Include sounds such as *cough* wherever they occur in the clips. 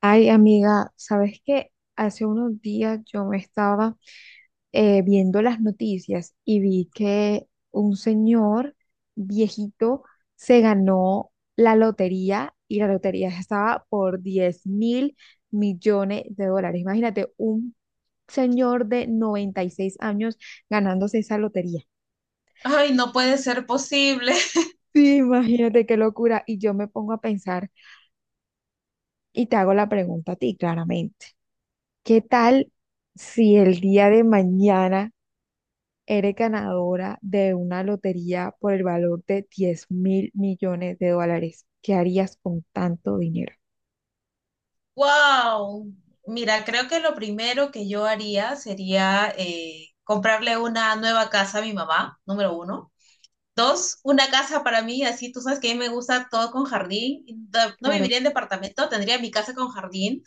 Ay, amiga, ¿sabes qué? Hace unos días yo me estaba viendo las noticias y vi que un señor viejito se ganó la lotería y la lotería estaba por 10.000 millones de dólares. Imagínate, un señor de 96 años ganándose esa lotería. Ay, no puede ser posible. *laughs* Sí, imagínate qué locura. Y yo me pongo a pensar y te hago la pregunta a ti, claramente. ¿Qué tal si el día de mañana eres ganadora de una lotería por el valor de 10.000 millones de dólares? ¿Qué harías con tanto dinero? Wow. Mira, creo que lo primero que yo haría sería comprarle una nueva casa a mi mamá, número uno. Dos, una casa para mí, así tú sabes que a mí me gusta todo con jardín. No Claro. viviría en departamento, tendría mi casa con jardín.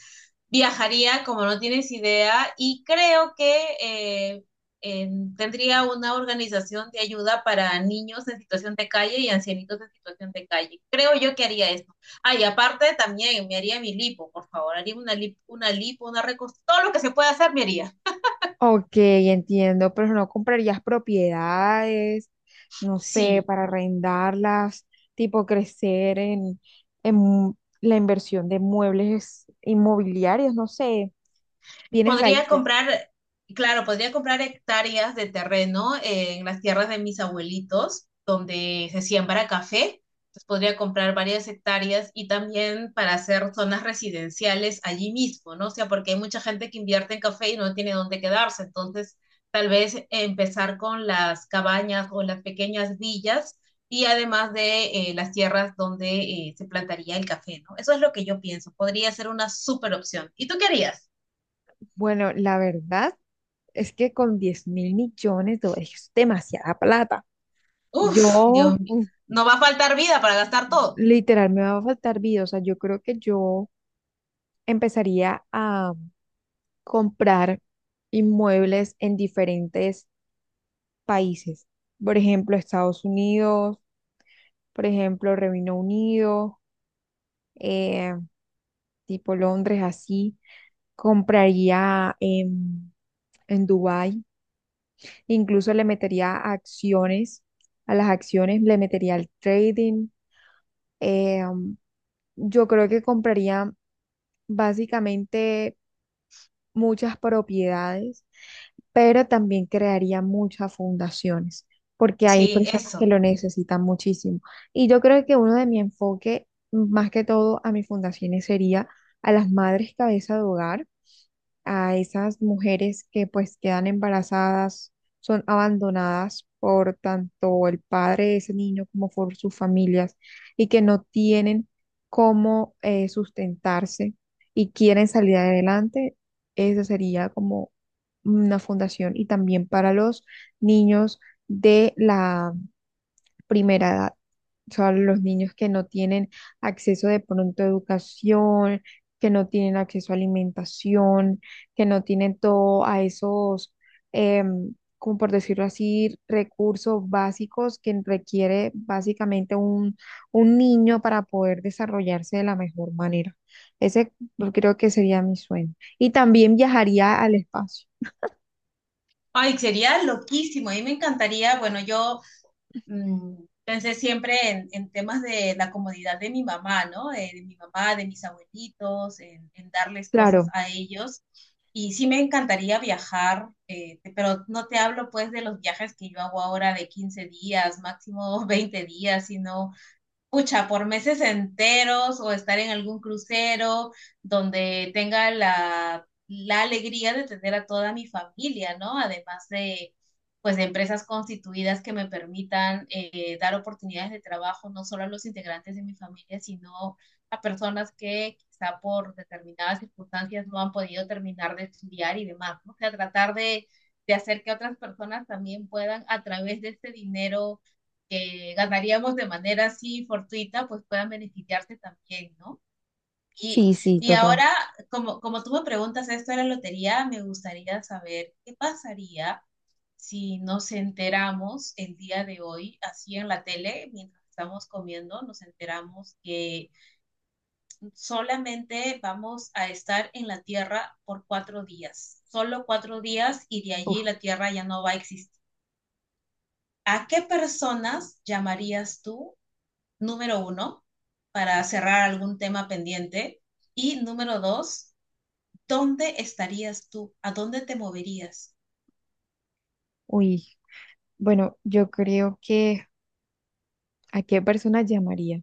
Viajaría como no tienes idea y creo que eh, eh, tendría una organización de ayuda para niños en situación de calle y ancianitos en situación de calle. Creo yo que haría eso. Ah, y aparte también me haría mi lipo, por favor, haría una lipo, todo lo que se pueda hacer me haría. Ok, entiendo, pero no comprarías propiedades, no sé, Sí. para arrendarlas, tipo crecer en la inversión de muebles inmobiliarios, no sé, bienes Podría raíces. comprar, claro, podría comprar hectáreas de terreno en las tierras de mis abuelitos, donde se siembra café. Entonces podría comprar varias hectáreas y también para hacer zonas residenciales allí mismo, ¿no? O sea, porque hay mucha gente que invierte en café y no tiene dónde quedarse. Entonces, tal vez empezar con las cabañas o las pequeñas villas y además de las tierras donde se plantaría el café, ¿no? Eso es lo que yo pienso. Podría ser una súper opción. ¿Y tú qué harías? Bueno, la verdad. Es que con 10.000 millones de dólares es demasiada plata. Uf, Yo, Dios mío. uf, No va a faltar vida para gastar todo. literal, me va a faltar vida. O sea, yo creo que yo empezaría a comprar inmuebles en diferentes países. Por ejemplo, Estados Unidos, por ejemplo, Reino Unido, eh, tipo Londres, así. Compraría en Dubái. Incluso le metería acciones. A las acciones le metería el trading. Eh, um, yo creo que compraría básicamente muchas propiedades, pero también crearía muchas fundaciones, porque hay Sí, personas que eso. lo necesitan muchísimo. Y yo creo que uno de mi enfoque, más que todo a mis fundaciones, sería a las madres cabeza de hogar, a esas mujeres que pues quedan embarazadas, son abandonadas por tanto el padre de ese niño como por sus familias y que no tienen cómo sustentarse y quieren salir adelante. Eso sería como una fundación, y también para los niños de la primera edad. O sea, los niños que no tienen acceso de pronto a educación, que no tienen acceso a alimentación, que no tienen todo a esos, como por decirlo así, recursos básicos que requiere básicamente un niño para poder desarrollarse de la mejor manera. Ese, yo creo que sería mi sueño. Y también viajaría al espacio. Ay, sería loquísimo. A mí me encantaría, bueno, yo pensé siempre en, temas de la comodidad de mi mamá, ¿no? De mi mamá, de mis abuelitos, en, darles cosas Claro, a ellos. Y sí me encantaría viajar, pero no te hablo pues de los viajes que yo hago ahora de 15 días, máximo *laughs* 20 días, sino pucha, por meses enteros o estar en algún crucero donde tenga la, alegría de tener a toda mi familia, ¿no? Además de, pues, de empresas constituidas que me permitan dar oportunidades de trabajo no solo a los integrantes de mi familia, sino a personas que quizá por determinadas circunstancias no han podido terminar de estudiar y demás, ¿no? O sea, tratar de, hacer que otras personas también puedan, a través de este dinero, que ganaríamos de manera así fortuita, pues puedan beneficiarse también, ¿no? Y, sí, sí, y total. ahora, como, tú me preguntas esto de la lotería, me gustaría saber qué pasaría si nos enteramos el día de hoy, así en la tele, mientras estamos comiendo, nos enteramos que solamente vamos a estar en la Tierra por 4 días, solo 4 días y de Uf, allí la Tierra ya no va a existir. ¿A qué personas llamarías tú número uno, para cerrar algún tema pendiente? Y número dos, ¿dónde estarías tú? ¿A dónde te moverías? uy. Bueno, yo creo que ¿a qué persona llamaría?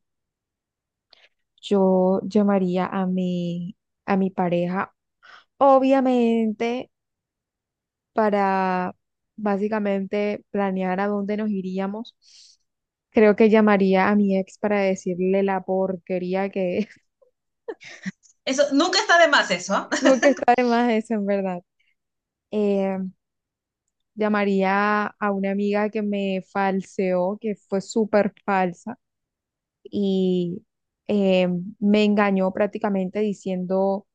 Yo llamaría a mi pareja, obviamente, para básicamente planear a dónde nos iríamos. Creo que llamaría a mi ex para decirle la porquería que es. *laughs* Eso, nunca está de más eso. *laughs* ¿Ah? Nunca está de más eso, en verdad. Eh, Llamaría a una amiga que me falseó, que fue súper falsa y eh, me engañó prácticamente diciendo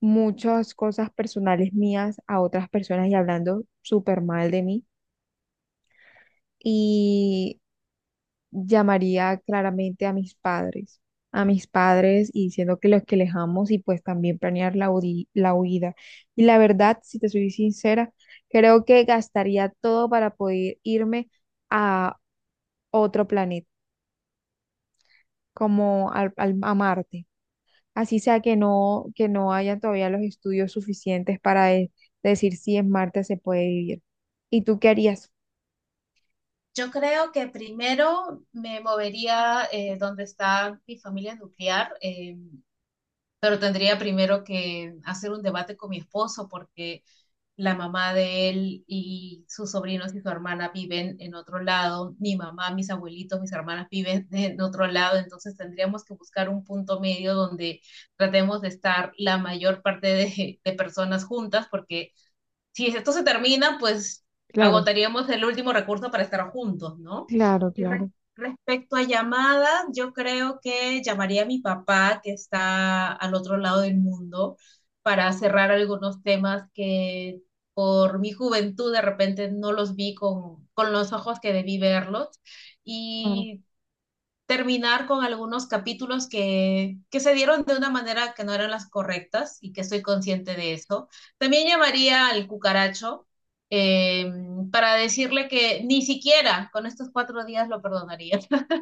muchas cosas personales mías a otras personas y hablando súper mal de mí. Y llamaría claramente a mis padres y diciendo que los que les amo, y pues también planear la, la huida. Y la verdad, si te soy sincera, creo que gastaría todo para poder irme a otro planeta, como al, a Marte. Así sea que no, haya todavía los estudios suficientes para decir si en Marte se puede vivir. ¿Y tú qué harías? Yo creo que primero me movería donde está mi familia nuclear, pero tendría primero que hacer un debate con mi esposo porque la mamá de él y sus sobrinos y su hermana viven en otro lado, mi mamá, mis abuelitos, mis hermanas viven *laughs* en otro lado, entonces tendríamos que buscar un punto medio donde tratemos de estar la mayor parte de, personas juntas, porque si esto se termina, pues Claro, agotaríamos el último recurso para estar juntos, ¿no? claro, Y claro, respecto a llamadas, yo creo que llamaría a mi papá, que está al otro lado del mundo, para cerrar algunos temas que por mi juventud de repente no los vi con, los ojos que debí verlos. claro. Y terminar con algunos capítulos que, se dieron de una manera que no eran las correctas y que estoy consciente de eso. También llamaría al cucaracho eh, para decirle que ni siquiera con estos 4 días lo perdonaría. *laughs*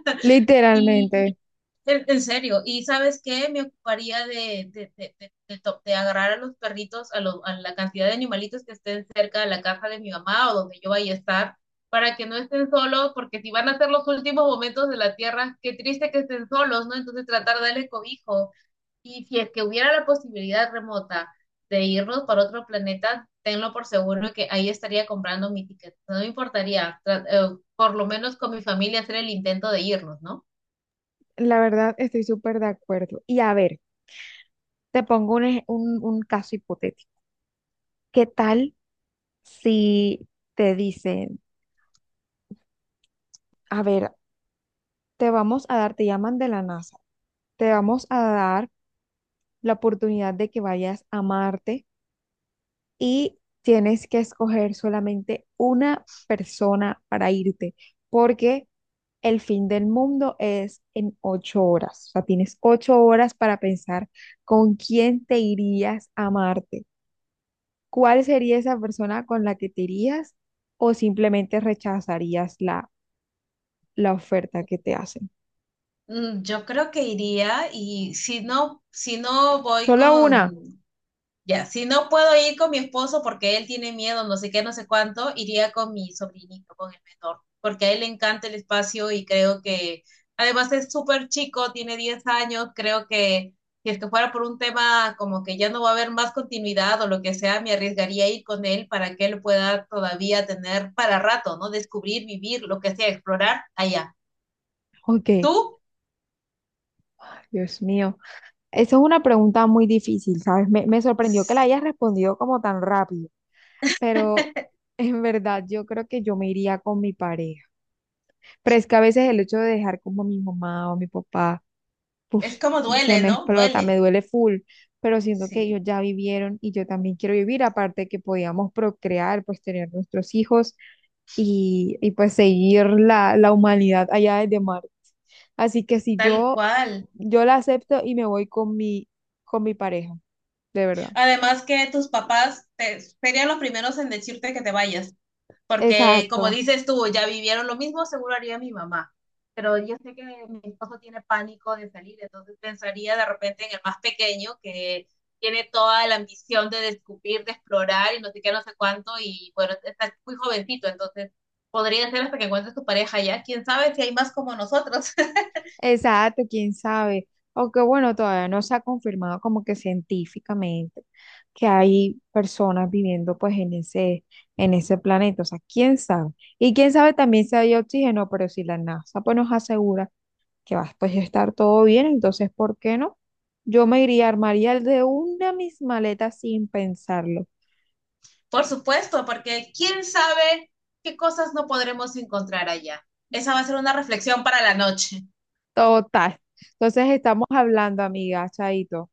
Y Literalmente, en, serio, y ¿sabes qué? Me ocuparía de, agarrar a los perritos, a la cantidad de animalitos que estén cerca de la casa de mi mamá o donde yo vaya a estar, para que no estén solos, porque si van a ser los últimos momentos de la tierra, qué triste que estén solos, ¿no? Entonces tratar de darle cobijo. Y si es que hubiera la posibilidad remota de irnos para otro planeta, tenlo por seguro que ahí estaría comprando mi ticket. No me importaría, por lo menos con mi familia hacer el intento de irnos, ¿no? la verdad estoy súper de acuerdo. Y a ver, te pongo un, un caso hipotético. ¿Qué tal si te dicen, a ver, te vamos a dar, te llaman de la NASA, te vamos a dar la oportunidad de que vayas a Marte? Y tienes que escoger solamente una persona para irte, porque el fin del mundo es en 8 horas. O sea, tienes 8 horas para pensar con quién te irías a Marte, cuál sería esa persona con la que te irías, o simplemente rechazarías la oferta que te hacen. Mm, yo creo que iría y si no voy Solo una. con, ya, si no puedo ir con mi esposo porque él tiene miedo, no sé qué, no sé cuánto, iría con mi sobrinito, con el menor, porque a él le encanta el espacio y creo que, además es súper chico, tiene 10 años, creo que si es que fuera por un tema como que ya no va a haber más continuidad o lo que sea, me arriesgaría a ir con él para que él pueda todavía tener para rato, ¿no? Descubrir, vivir, lo que sea, explorar allá. Ok, ¿Tú? Dios mío. Esa es una pregunta muy difícil, ¿sabes? Me sorprendió que la hayas respondido como tan rápido. Pero *laughs* en verdad yo creo que yo me iría con mi pareja. Pero es que a veces el hecho de dejar como a mi mamá o a mi papá, uf, Es como se duele, me ¿no? explota, me Duele. duele full, pero siento que Sí, ellos ya vivieron y yo también quiero vivir, aparte de que podíamos procrear, pues tener nuestros hijos y pues seguir la humanidad allá desde Marte. Así que si tal yo, cual. yo la acepto y me voy con mi pareja, de verdad. Además que tus papás te, serían los primeros en decirte que te vayas, porque como Exacto. dices tú, ya vivieron lo mismo, seguro haría mi mamá. Pero yo sé que mi esposo tiene pánico de salir, entonces pensaría de repente en el más pequeño que tiene toda la ambición de descubrir, de explorar y no sé qué, no sé cuánto, y bueno, está muy jovencito, entonces podría ser hasta que encuentres tu pareja ya. ¿Quién sabe si hay más como nosotros? Exacto, quién sabe. Aunque bueno, todavía no se ha confirmado como que científicamente que hay personas viviendo pues en ese planeta. O sea, quién sabe. Y quién sabe también si hay oxígeno, pero si la NASA pues nos asegura que va pues, a pues, estar todo bien, entonces, ¿por qué no? Yo me iría, armaría de una mis maletas sin pensarlo. Por supuesto, porque quién sabe qué cosas no podremos encontrar allá. Esa va a ser una reflexión para la noche. Total. Entonces estamos hablando, amiga, chaito.